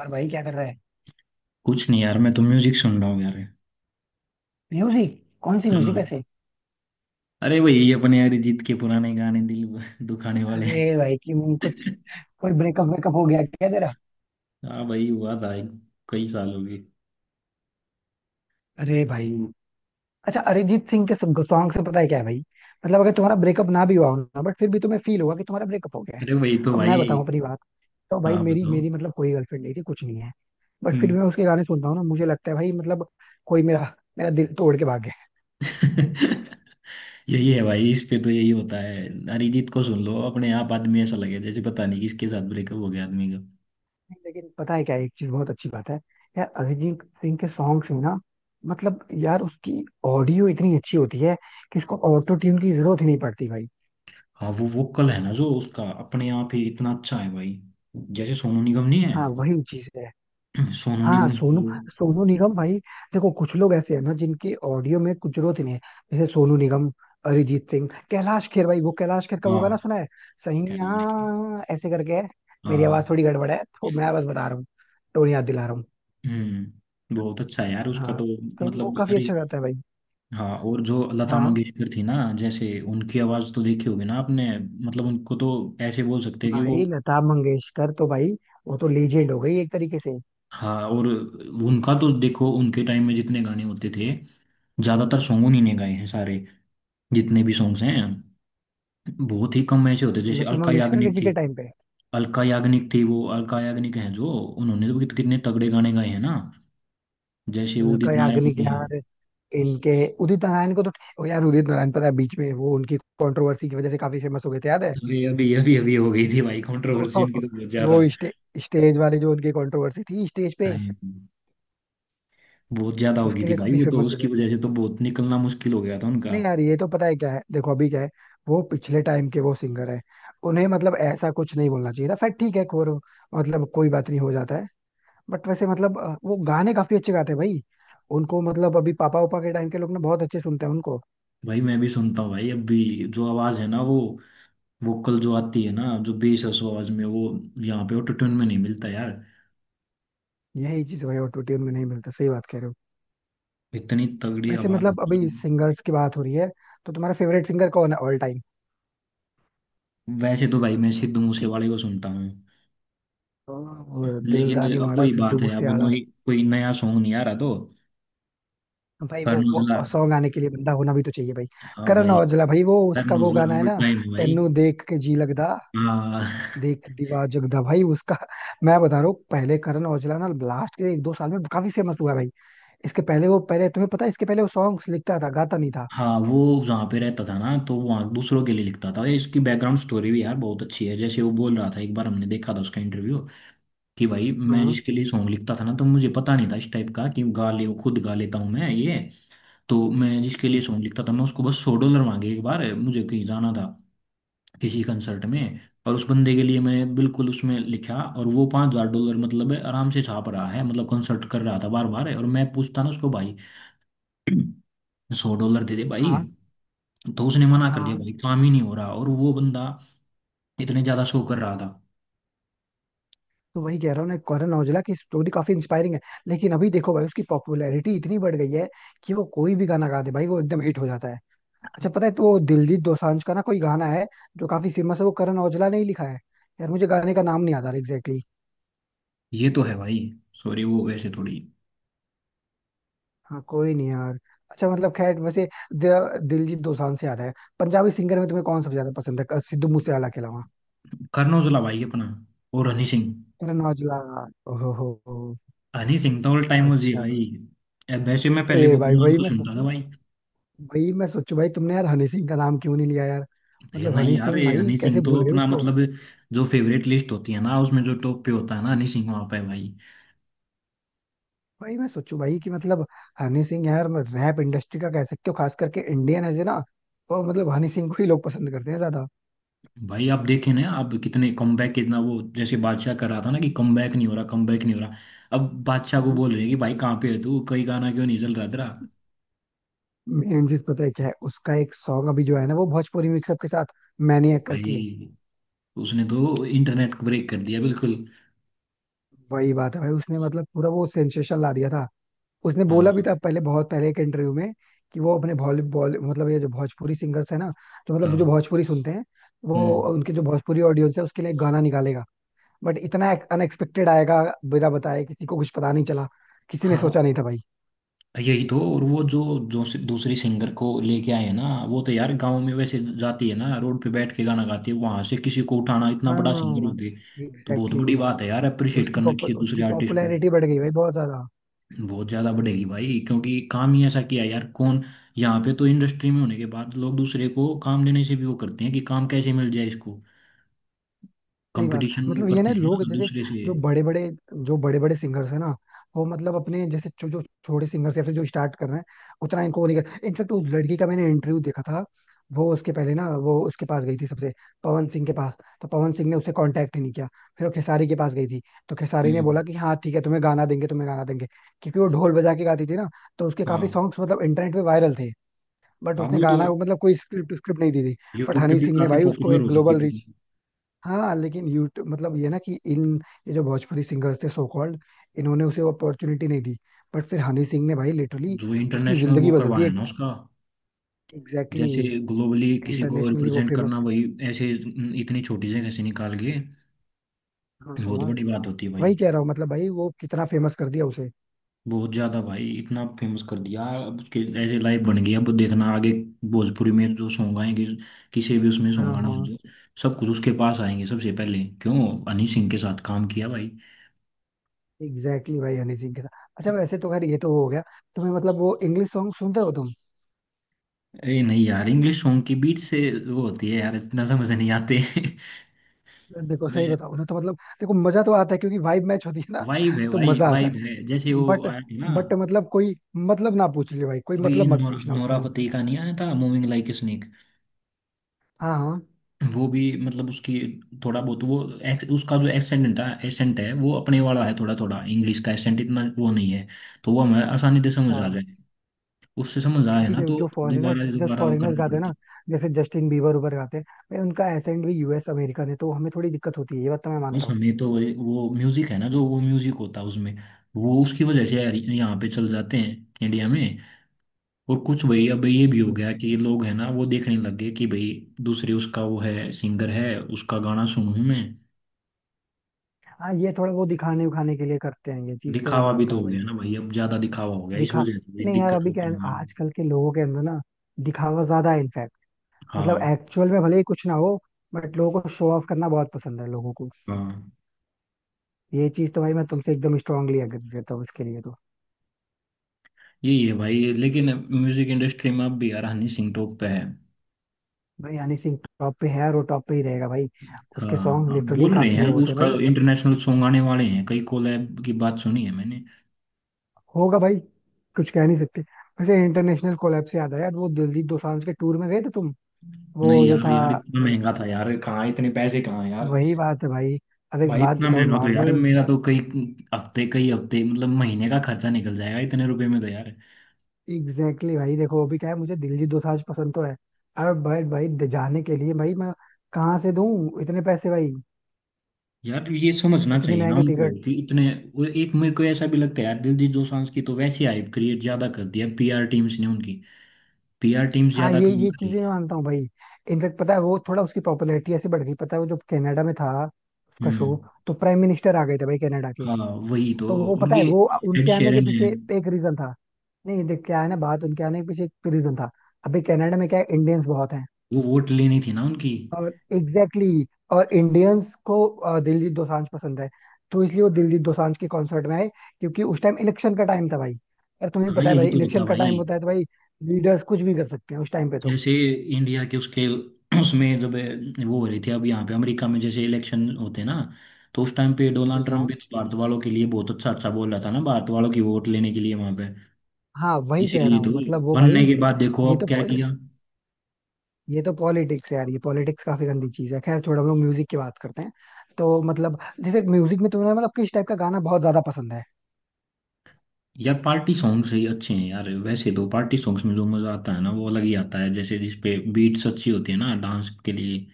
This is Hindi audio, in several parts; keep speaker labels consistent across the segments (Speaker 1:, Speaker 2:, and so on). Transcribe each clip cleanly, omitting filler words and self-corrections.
Speaker 1: और भाई क्या कर रहा है।
Speaker 2: कुछ नहीं यार, मैं तो म्यूजिक सुन रहा हूँ यार।
Speaker 1: म्यूजिक कौन सी
Speaker 2: हाँ।
Speaker 1: म्यूजिक वैसे।
Speaker 2: अरे वही अपने अरिजीत के पुराने गाने, दिल दुखाने वाले।
Speaker 1: अरे भाई क्यों कुछ, कोई ब्रेकअप वेकअप हो गया क्या तेरा।
Speaker 2: हाँ भाई, हुआ था। कई साल हो गए।
Speaker 1: अरे भाई, अच्छा अरिजीत सिंह के सॉन्ग से पता है क्या है भाई, मतलब अगर तुम्हारा ब्रेकअप ना भी हुआ हो ना बट फिर भी तुम्हें फील होगा कि तुम्हारा ब्रेकअप हो गया है।
Speaker 2: अरे वही तो
Speaker 1: अब
Speaker 2: भाई।
Speaker 1: मैं बताऊं अपनी बात, तो भाई
Speaker 2: हाँ,
Speaker 1: मेरी
Speaker 2: बताओ।
Speaker 1: मेरी मतलब कोई गर्लफ्रेंड नहीं थी कुछ नहीं है। बट फिर
Speaker 2: हम्म।
Speaker 1: भी मैं उसके गाने सुनता हूँ ना, मुझे लगता है भाई मतलब कोई मेरा मेरा दिल तोड़ के भाग गया।
Speaker 2: यही है भाई, इस पे तो यही होता है। अरिजीत को सुन लो, अपने आप आदमी ऐसा लगे जैसे पता नहीं किसके साथ ब्रेकअप हो गया आदमी का।
Speaker 1: नहीं, लेकिन पता है क्या, एक चीज बहुत अच्छी बात है यार अरिजीत सिंह के सॉन्ग्स में ना, मतलब यार उसकी ऑडियो इतनी अच्छी होती है कि इसको ऑटो ट्यून की जरूरत ही नहीं पड़ती भाई।
Speaker 2: हाँ, वो वोकल है ना जो उसका अपने आप ही इतना अच्छा है भाई। जैसे सोनू निगम नहीं है।
Speaker 1: हाँ वही चीज है।
Speaker 2: सोनू
Speaker 1: हाँ
Speaker 2: निगम।
Speaker 1: सोनू,
Speaker 2: वो।
Speaker 1: सोनू निगम भाई। देखो कुछ लोग ऐसे हैं ना जिनके ऑडियो में कुछ जरूरत ही नहीं है, जैसे सोनू निगम, अरिजीत सिंह, कैलाश खेर। भाई वो कैलाश खेर का वो
Speaker 2: हाँ।
Speaker 1: गाना सुना है, सही,
Speaker 2: क्या नाम है उसकी?
Speaker 1: हाँ ऐसे करके है। मेरी आवाज थोड़ी गड़बड़ है तो मैं बस बता रहा हूँ, टोन याद दिला रहा हूँ।
Speaker 2: बहुत अच्छा है यार उसका
Speaker 1: हाँ,
Speaker 2: तो।
Speaker 1: तो वो
Speaker 2: मतलब
Speaker 1: काफी
Speaker 2: अरे।
Speaker 1: अच्छा गाता है भाई।
Speaker 2: हाँ, और जो लता
Speaker 1: हाँ
Speaker 2: मंगेशकर थी ना। जैसे उनकी आवाज तो देखी होगी ना आपने। मतलब उनको तो ऐसे बोल सकते हैं कि वो।
Speaker 1: भाई, लता मंगेशकर तो भाई, वो तो लीजेंड हो गई एक तरीके से।
Speaker 2: हाँ, और उनका तो देखो उनके टाइम में जितने गाने होते थे, ज्यादातर सॉन्ग उन्हीं ने गाए हैं सारे। जितने भी सॉन्ग्स हैं, बहुत ही कम ऐसे होते जैसे
Speaker 1: लता
Speaker 2: अलका
Speaker 1: मंगेशकर
Speaker 2: याग्निक
Speaker 1: जी
Speaker 2: थी।
Speaker 1: के टाइम पे
Speaker 2: अलका याग्निक थी, वो अलका याग्निक है जो उन्होंने तो कितने तगड़े गाने गाए हैं ना। जैसे उदित
Speaker 1: उनका
Speaker 2: नारायण
Speaker 1: याग्निक
Speaker 2: जी हैं।
Speaker 1: यार, इनके उदित नारायण को तो, ओ यार उदित नारायण पता है, बीच में वो उनकी कंट्रोवर्सी की वजह से काफी फेमस हो गए थे, याद है।
Speaker 2: अरे अभी अभी अभी हो गई थी भाई कंट्रोवर्सी इनकी तो बहुत ज्यादा।
Speaker 1: वो स्टे, स्टेज वाली जो उनकी कंट्रोवर्सी थी स्टेज पे,
Speaker 2: भाई, बहुत ज्यादा हो गई
Speaker 1: उसके
Speaker 2: थी
Speaker 1: लिए
Speaker 2: भाई,
Speaker 1: काफी
Speaker 2: वो तो
Speaker 1: फेमस हो
Speaker 2: उसकी
Speaker 1: गए थे।
Speaker 2: वजह से तो बहुत निकलना मुश्किल हो गया था उनका।
Speaker 1: नहीं यार, ये तो पता है क्या है, देखो अभी क्या है, वो पिछले टाइम के वो सिंगर है, उन्हें मतलब ऐसा कुछ नहीं बोलना चाहिए था, फिर ठीक है खोर, मतलब कोई बात नहीं, हो जाता है। बट वैसे मतलब वो गाने काफी अच्छे गाते हैं भाई, उनको मतलब अभी पापा उपा के टाइम के लोग ना बहुत अच्छे सुनते हैं उनको।
Speaker 2: भाई मैं भी सुनता हूँ भाई, अब भी जो आवाज है ना, वो वोकल जो आती है ना, जो बेस है उस आवाज में, वो यहाँ पे ऑटोट्यून में नहीं मिलता यार।
Speaker 1: यही चीज भाई, ऑटो ट्यून में नहीं मिलता, सही बात कह रहे हो।
Speaker 2: इतनी तगड़ी
Speaker 1: वैसे
Speaker 2: आवाज
Speaker 1: मतलब
Speaker 2: है
Speaker 1: अभी
Speaker 2: ना।
Speaker 1: सिंगर्स की बात हो रही है, तो तुम्हारा फेवरेट सिंगर कौन है ऑल टाइम।
Speaker 2: वैसे तो भाई मैं सिद्धू मूसेवाले को सुनता हूँ।
Speaker 1: वो
Speaker 2: लेकिन
Speaker 1: दिलदानी
Speaker 2: अब
Speaker 1: वाड़ा
Speaker 2: वही
Speaker 1: सिद्धू
Speaker 2: बात है, अब
Speaker 1: मूसेवाला।
Speaker 2: नई कोई नया सॉन्ग नहीं आ रहा तो।
Speaker 1: भाई वो,
Speaker 2: करण औजला।
Speaker 1: वो सॉन्ग गाने के लिए बंदा होना भी तो चाहिए भाई।
Speaker 2: हाँ
Speaker 1: करण
Speaker 2: भाई।
Speaker 1: औजला, भाई वो उसका
Speaker 2: करण
Speaker 1: वो गाना
Speaker 2: औजला
Speaker 1: है
Speaker 2: ऑल
Speaker 1: ना,
Speaker 2: टाइम है भाई।
Speaker 1: तेनू देख के जी लगदा,
Speaker 2: हाँ।
Speaker 1: देख दीवा जगदा, भाई उसका। मैं बता रहा हूँ, पहले करण औजला ना लास्ट के एक दो साल में काफी फेमस हुआ है भाई। इसके पहले वो, पहले तुम्हें पता है, इसके पहले वो सॉन्ग्स लिखता था, गाता नहीं था।
Speaker 2: हाँ वो जहाँ पे रहता था ना तो वहाँ दूसरों के लिए लिखता था। ये इसकी बैकग्राउंड स्टोरी भी यार बहुत अच्छी है, जैसे वो बोल रहा था, एक बार हमने देखा था उसका इंटरव्यू, कि भाई मैं
Speaker 1: हाँ,
Speaker 2: जिसके लिए सॉन्ग लिखता था ना, तो मुझे पता नहीं था इस टाइप का, कि गा ले खुद, गा लेता हूँ मैं ये। तो मैं जिसके लिए
Speaker 1: हाँ।
Speaker 2: सॉन्ग लिखता था, मैं उसको बस $100 मांगे। एक बार मुझे कहीं जाना था किसी कंसर्ट में, और उस बंदे के लिए मैंने बिल्कुल उसमें लिखा, और वो $5,000 मतलब आराम से छाप रहा है, मतलब कंसर्ट कर रहा था बार बार। और मैं पूछता ना उसको, भाई $100 दे दे भाई।
Speaker 1: हाँ
Speaker 2: तो उसने मना कर दिया
Speaker 1: हाँ।
Speaker 2: भाई, काम ही नहीं हो रहा। और वो बंदा इतने ज्यादा शो कर रहा था।
Speaker 1: तो वही कह रहा हूँ ना, करण औजला की स्टोरी काफी इंस्पायरिंग है। लेकिन अभी देखो भाई, उसकी पॉपुलैरिटी इतनी बढ़ गई है कि वो कोई भी गाना गा दे भाई, वो एकदम हिट हो जाता है। अच्छा पता है, तो दिलजीत दोसांझ का ना कोई गाना है जो काफी फेमस है, वो करण औजला ने ही लिखा है। यार मुझे गाने का नाम नहीं याद आ रहा एग्जैक्टली।
Speaker 2: ये तो है भाई। सॉरी, वो वैसे थोड़ी।
Speaker 1: हाँ कोई नहीं यार। अच्छा मतलब खैर वैसे, दिलजीत दोसांझ से आ रहा है, पंजाबी सिंगर में तुम्हें कौन सबसे ज्यादा पसंद है सिद्धू मूसेवाला के अलावा।
Speaker 2: करण औजला भाई अपना, और हनी सिंह।
Speaker 1: करण औजला। ओहो हो,
Speaker 2: हनी सिंह तो ऑल टाइम हो जी
Speaker 1: अच्छा।
Speaker 2: भाई। वैसे मैं पहले
Speaker 1: अरे
Speaker 2: बब्बू
Speaker 1: भाई
Speaker 2: मान
Speaker 1: वही
Speaker 2: को
Speaker 1: मैं
Speaker 2: सुनता था
Speaker 1: सोचू,
Speaker 2: भाई।
Speaker 1: वही मैं सोचू भाई, तुमने यार हनी सिंह का नाम क्यों नहीं लिया यार,
Speaker 2: ये
Speaker 1: मतलब
Speaker 2: नहीं
Speaker 1: हनी
Speaker 2: यार,
Speaker 1: सिंह
Speaker 2: ये
Speaker 1: भाई
Speaker 2: हनी सिंह
Speaker 1: कैसे
Speaker 2: तो
Speaker 1: भूल गए
Speaker 2: अपना
Speaker 1: उसको।
Speaker 2: मतलब जो फेवरेट लिस्ट होती है ना, उसमें जो टॉप पे होता है ना, हनी सिंह वहां पे भाई।
Speaker 1: भाई मैं सोचू भाई कि मतलब हनी सिंह यार, रैप इंडस्ट्री का कह सकते हो खास करके, इंडियन है ना, तो मतलब हनी सिंह को ही लोग पसंद करते हैं ज्यादा।
Speaker 2: भाई आप देखे ना, आप कितने कमबैक कितना वो, जैसे बादशाह कर रहा था ना कि कमबैक नहीं हो रहा, कमबैक नहीं हो रहा। अब बादशाह को बोल रहे हैं कि भाई कहाँ पे है तू, कई गाना क्यों नहीं चल रहा तेरा।
Speaker 1: मेन चीज पता है क्या है, उसका एक सॉन्ग अभी जो है ना वो भोजपुरी मिक्सअप के साथ मैनिएक करके है।
Speaker 2: भाई, तो उसने तो इंटरनेट को ब्रेक कर दिया बिल्कुल।
Speaker 1: वही बात है भाई, उसने मतलब पूरा वो सेंसेशन ला दिया था। उसने बोला भी
Speaker 2: हाँ।
Speaker 1: था पहले, बहुत पहले एक इंटरव्यू में, कि वो अपने बॉली बॉली मतलब ये जो भोजपुरी सिंगर्स है ना, तो मतलब जो
Speaker 2: हाँ।
Speaker 1: भोजपुरी सुनते हैं, वो
Speaker 2: हम्म।
Speaker 1: उनके जो भोजपुरी ऑडियंस है उसके लिए गाना निकालेगा, बट इतना अनएक्सपेक्टेड आएगा, बिना बताए किसी को कुछ पता नहीं चला, किसी ने
Speaker 2: हाँ,
Speaker 1: सोचा नहीं था भाई।
Speaker 2: यही तो। और वो जो जो दूसरी सिंगर को लेके आए हैं ना, वो तो यार गांव में वैसे जाती है ना, रोड पे बैठ के गाना गाती है, वहां से किसी को उठाना, इतना बड़ा सिंगर हो
Speaker 1: हाँ
Speaker 2: गए। तो बहुत
Speaker 1: एग्जैक्टली,
Speaker 2: बड़ी
Speaker 1: exactly.
Speaker 2: बात है यार, अप्रिशिएट करना किसी दूसरे
Speaker 1: उसकी
Speaker 2: आर्टिस्ट को।
Speaker 1: पॉपुलैरिटी बढ़ गई भाई बहुत ज्यादा।
Speaker 2: बहुत ज्यादा बढ़ेगी भाई, क्योंकि काम ही ऐसा किया है यार। कौन, यहाँ पे तो इंडस्ट्री में होने के बाद लोग दूसरे को काम देने से भी वो करते हैं कि काम कैसे मिल जाए इसको।
Speaker 1: सही बात,
Speaker 2: कंपटीशन वो
Speaker 1: मतलब ये ना
Speaker 2: करते हैं
Speaker 1: लोग,
Speaker 2: ना
Speaker 1: जैसे
Speaker 2: दूसरे से।
Speaker 1: जो बड़े बड़े जो बड़े बड़े सिंगर्स हैं ना, वो मतलब अपने जैसे जो जो छोटे सिंगर्स या फिर जो स्टार्ट कर रहे हैं, उतना इनको वो नहीं कर, इनफेक्ट उस लड़की का मैंने इंटरव्यू देखा था, वो उसके पहले ना वो उसके पास गई थी सबसे, पवन सिंह के पास, तो पवन सिंह ने उससे कांटेक्ट ही नहीं किया। फिर वो खेसारी के पास गई थी, तो खेसारी ने बोला
Speaker 2: हम्म।
Speaker 1: कि हाँ ठीक है, तुम्हें गाना देंगे, तुम्हें गाना देंगे, क्योंकि वो ढोल बजा के गाती थी ना, तो उसके काफी
Speaker 2: हाँ।
Speaker 1: सॉन्ग्स मतलब इंटरनेट पे वायरल थे। बट
Speaker 2: हाँ
Speaker 1: उसने
Speaker 2: वो तो
Speaker 1: गाना मतलब कोई स्क्रिप्ट स्क्रिप्ट नहीं दी थी। बट
Speaker 2: यूट्यूब पे
Speaker 1: हनी
Speaker 2: भी
Speaker 1: सिंह ने
Speaker 2: काफी
Speaker 1: भाई उसको
Speaker 2: पॉपुलर
Speaker 1: एक
Speaker 2: हो चुकी
Speaker 1: ग्लोबल
Speaker 2: थी।
Speaker 1: रीच। हाँ लेकिन यूट्यूब मतलब ये ना कि इन, ये जो भोजपुरी सिंगर्स थे सो कॉल्ड, इन्होंने उसे अपॉर्चुनिटी नहीं दी, बट फिर हनी सिंह ने भाई लिटरली
Speaker 2: जो
Speaker 1: उसकी
Speaker 2: इंटरनेशनल
Speaker 1: जिंदगी
Speaker 2: वो
Speaker 1: बदल दी।
Speaker 2: करवाया है ना उसका।
Speaker 1: एग्जैक्टली।
Speaker 2: जैसे ग्लोबली किसी को
Speaker 1: इंटरनेशनली वो
Speaker 2: रिप्रेजेंट करना,
Speaker 1: फेमस।
Speaker 2: वही ऐसे इतनी छोटी जगह से निकाल के,
Speaker 1: हाँ
Speaker 2: बहुत
Speaker 1: हाँ,
Speaker 2: बड़ी बात होती है भाई।
Speaker 1: वही कह रहा हूँ मतलब भाई वो कितना फेमस कर दिया उसे।
Speaker 2: बहुत ज्यादा भाई, इतना फेमस कर दिया, अब उसके ऐसे लाइव बन गया। अब देखना आगे भोजपुरी में जो सॉन्ग आएंगे, किसी भी उसमें सॉन्ग
Speaker 1: हाँ
Speaker 2: आना हो
Speaker 1: हाँ।
Speaker 2: जो, सब कुछ उसके पास आएंगे सबसे पहले, क्यों? हनी सिंह के साथ काम किया भाई।
Speaker 1: एग्जैक्टली भाई, हनी सिंह के साथ। अच्छा वैसे तो खैर ये तो हो गया, तुम्हें मतलब वो इंग्लिश सॉन्ग सुनते हो तुम।
Speaker 2: ए नहीं यार, इंग्लिश सॉन्ग की बीट से वो होती है यार, इतना समझ नहीं आते।
Speaker 1: देखो
Speaker 2: मैं,
Speaker 1: सही बताओ ना, तो मतलब देखो मजा तो आता है, क्योंकि वाइब मैच होती है ना,
Speaker 2: वाइब है
Speaker 1: तो
Speaker 2: भाई,
Speaker 1: मजा आता है,
Speaker 2: वाइब है, जैसे वो
Speaker 1: बट
Speaker 2: आया था ना।
Speaker 1: बट मतलब कोई मतलब ना पूछ ले भाई, कोई
Speaker 2: अभी
Speaker 1: मतलब मत
Speaker 2: नौ,
Speaker 1: पूछना उसका
Speaker 2: नोरा
Speaker 1: मुझसे।
Speaker 2: फतेही का नहीं आया था मूविंग लाइक ए स्नेक।
Speaker 1: हाँ हाँ।
Speaker 2: वो भी, मतलब उसकी थोड़ा बहुत वो, उसका जो एक्सेंट है, एसेंट है, वो अपने वाला है थोड़ा थोड़ा, इंग्लिश का एसेंट इतना वो नहीं है, तो वो हमें आसानी से समझ
Speaker 1: अच्छा
Speaker 2: आ जाए। उससे समझ
Speaker 1: ये
Speaker 2: आए
Speaker 1: भी
Speaker 2: ना
Speaker 1: जो,
Speaker 2: तो दोबारा
Speaker 1: जो
Speaker 2: दोबारा वो
Speaker 1: फॉरेनर्स
Speaker 2: करना
Speaker 1: गाते हैं
Speaker 2: पड़ता
Speaker 1: ना,
Speaker 2: है।
Speaker 1: जैसे जस्टिन बीबर उबर गाते हैं भाई, उनका एसेंट भी यूएस अमेरिकन है, तो हमें थोड़ी दिक्कत होती है, ये बात तो मैं
Speaker 2: बस
Speaker 1: मानता हूँ।
Speaker 2: हमें तो वो म्यूजिक है ना, जो वो म्यूजिक होता है उसमें, वो उसकी वजह से यार यहाँ पे चल जाते हैं इंडिया में। और कुछ भाई अब ये भी हो
Speaker 1: हम्म।
Speaker 2: गया कि ये लोग है ना, वो देखने लग गए कि भाई दूसरे उसका वो है सिंगर है, उसका गाना सुनूं मैं।
Speaker 1: हाँ ये थोड़ा वो दिखाने उखाने के लिए करते हैं, ये चीज तो मैं
Speaker 2: दिखावा भी
Speaker 1: मानता
Speaker 2: तो
Speaker 1: हूँ
Speaker 2: हो
Speaker 1: भाई।
Speaker 2: गया ना भाई, अब ज्यादा दिखावा हो गया, इस
Speaker 1: दिखा
Speaker 2: वजह से भाई
Speaker 1: नहीं यार
Speaker 2: दिक्कत
Speaker 1: अभी क्या
Speaker 2: होती
Speaker 1: है ना,
Speaker 2: है।
Speaker 1: आजकल के लोगों के अंदर ना दिखावा ज्यादा है इनफैक्ट, मतलब
Speaker 2: हाँ।
Speaker 1: एक्चुअल में भले ही कुछ ना हो, बट लोगों को शो ऑफ करना बहुत पसंद है लोगों को।
Speaker 2: हाँ।
Speaker 1: ये चीज तो भाई मैं तुमसे एकदम स्ट्रांगली एग्री करता हूँ इसके लिए तो।
Speaker 2: यही है भाई, लेकिन म्यूजिक इंडस्ट्री में अब भी यार हनी सिंह टॉप पे है।
Speaker 1: भाई हनी सिंह टॉप पे है, और वो टॉप पे ही रहेगा भाई। उसके
Speaker 2: हाँ,
Speaker 1: सॉन्ग
Speaker 2: हम
Speaker 1: लिटरली
Speaker 2: बोल रहे
Speaker 1: काफी
Speaker 2: हैं
Speaker 1: वो
Speaker 2: अब
Speaker 1: होते हैं
Speaker 2: उसका
Speaker 1: भाई।
Speaker 2: इंटरनेशनल सॉन्ग आने वाले हैं, कई कोलैब की बात सुनी है मैंने।
Speaker 1: होगा भाई, कुछ कह नहीं सकते। वैसे इंटरनेशनल कोलैब से याद आया, वो दिलजीत दोसांझ के टूर में गए थे तुम, वो
Speaker 2: नहीं
Speaker 1: जो
Speaker 2: यार,
Speaker 1: था।
Speaker 2: यार इतना
Speaker 1: अ,
Speaker 2: महंगा था यार, कहाँ इतने पैसे कहाँ यार।
Speaker 1: वही बात है भाई। अब एक
Speaker 2: भाई
Speaker 1: बात
Speaker 2: इतना
Speaker 1: बताओ
Speaker 2: महंगा तो यार,
Speaker 1: नॉर्मल।
Speaker 2: मेरा तो कई हफ्ते, कई हफ्ते, मतलब महीने का खर्चा निकल जाएगा इतने रुपए में तो यार।
Speaker 1: एग्जैक्टली भाई, देखो अभी क्या है, मुझे दिलजीत दोसांझ पसंद तो है, अब भाई, जाने के लिए भाई मैं कहाँ से दूं इतने पैसे भाई,
Speaker 2: यार ये समझना
Speaker 1: इतनी
Speaker 2: चाहिए ना
Speaker 1: महंगी
Speaker 2: उनको
Speaker 1: टिकट।
Speaker 2: कि इतने। वो एक मेरे को ऐसा भी लगता है यार, दिलजीत दोसांझ की तो वैसी हाइप क्रिएट ज्यादा कर दिया पीआर टीम्स ने उनकी, पीआर टीम्स
Speaker 1: हाँ
Speaker 2: ज्यादा
Speaker 1: ये
Speaker 2: काम
Speaker 1: ये
Speaker 2: कर रही
Speaker 1: चीजें मैं
Speaker 2: है।
Speaker 1: मानता हूँ भाई। इनफेक्ट पता है वो थोड़ा उसकी पॉपुलैरिटी ऐसे बढ़ गई, पता है वो जब कनाडा में था उसका शो,
Speaker 2: हम्म।
Speaker 1: तो प्राइम मिनिस्टर आ गए थे भाई कनाडा के।
Speaker 2: हाँ, वही तो।
Speaker 1: तो वो
Speaker 2: और
Speaker 1: पता है,
Speaker 2: ये
Speaker 1: वो
Speaker 2: एड
Speaker 1: उनके आने के
Speaker 2: शेरन है।
Speaker 1: पीछे एक रीजन था। नहीं देख क्या है ना, बात उनके आने के पीछे एक रीजन था, अभी कनाडा में क्या है इंडियंस बहुत हैं,
Speaker 2: वो वोट लेनी थी ना उनकी।
Speaker 1: और एग्जैक्टली, exactly, और इंडियंस को दिलजीत दोसांझ पसंद है, तो इसलिए वो दिलजीत दोसांझ के कॉन्सर्ट में आए, क्योंकि उस टाइम इलेक्शन का टाइम था भाई, और तुम्हें
Speaker 2: हाँ,
Speaker 1: पता है
Speaker 2: यही
Speaker 1: भाई
Speaker 2: तो होता
Speaker 1: इलेक्शन का
Speaker 2: भाई।
Speaker 1: टाइम होता है तो भाई लीडर्स कुछ भी कर सकते हैं उस टाइम पे तो।
Speaker 2: जैसे इंडिया के उसके उसमें, जब वो हो रही थी अब यहाँ पे अमेरिका में जैसे इलेक्शन होते हैं ना, तो उस टाइम पे डोनाल्ड ट्रम्प
Speaker 1: हाँ
Speaker 2: भी तो भारत वालों के लिए बहुत अच्छा अच्छा बोल रहा था ना, भारत वालों की वोट लेने के लिए वहां पे।
Speaker 1: हाँ, वही कह
Speaker 2: इसीलिए
Speaker 1: रहा
Speaker 2: तो
Speaker 1: हूँ मतलब वो
Speaker 2: बनने
Speaker 1: भाई,
Speaker 2: के बाद देखो
Speaker 1: ये
Speaker 2: अब
Speaker 1: तो
Speaker 2: क्या
Speaker 1: पो- ये
Speaker 2: किया।
Speaker 1: तो, ये तो पॉलिटिक्स है यार, ये पॉलिटिक्स काफी गंदी चीज है, खैर छोड़ो, हम लोग म्यूजिक की बात करते हैं। तो मतलब जैसे म्यूजिक में तुम्हें मतलब किस टाइप का गाना बहुत ज्यादा पसंद है।
Speaker 2: यार पार्टी सॉन्ग्स ही अच्छे हैं यार, वैसे तो पार्टी सॉन्ग्स में जो मजा आता है ना, वो अलग ही आता है, जैसे जिसपे बीट्स अच्छी होती है ना, डांस के लिए।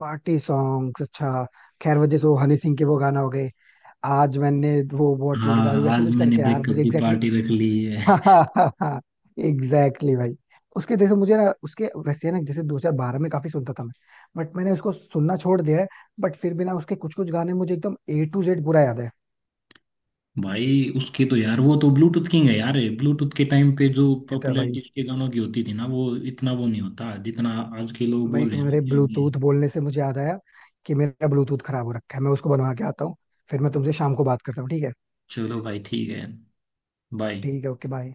Speaker 1: पार्टी सॉन्ग, अच्छा, खैर वो जैसे वो हनी सिंह के वो गाना हो गए, आज मैंने वो बोतल की दारू
Speaker 2: हाँ,
Speaker 1: ऐसे
Speaker 2: आज
Speaker 1: कुछ
Speaker 2: मैंने
Speaker 1: करके यार,
Speaker 2: ब्रेकअप
Speaker 1: मुझे
Speaker 2: की
Speaker 1: एग्जैक्टली
Speaker 2: पार्टी रख ली।
Speaker 1: हाँ, एग्जैक्टली भाई। उसके जैसे मुझे ना उसके वैसे ना, जैसे 2012 में काफी सुनता था मैं, बट मैंने उसको सुनना छोड़ दिया है, बट फिर भी ना उसके कुछ कुछ गाने मुझे एकदम A to Z पूरा याद है।
Speaker 2: भाई उसके तो यार, वो तो ब्लूटूथ किंग है यार। ब्लूटूथ के टाइम पे जो
Speaker 1: ये तो है भाई।
Speaker 2: पॉपुलैरिटी उसके गानों की होती थी ना, वो इतना वो नहीं होता जितना आज के लोग
Speaker 1: भाई
Speaker 2: बोल रहे हैं ना
Speaker 1: तुम्हारे
Speaker 2: कि ये।
Speaker 1: ब्लूटूथ बोलने से मुझे याद आया कि मेरा ब्लूटूथ खराब हो रखा है, मैं उसको बनवा के आता हूँ, फिर मैं तुमसे शाम को बात करता हूँ, ठीक है।
Speaker 2: चलो भाई ठीक है। बाय।
Speaker 1: ठीक है, ओके बाय।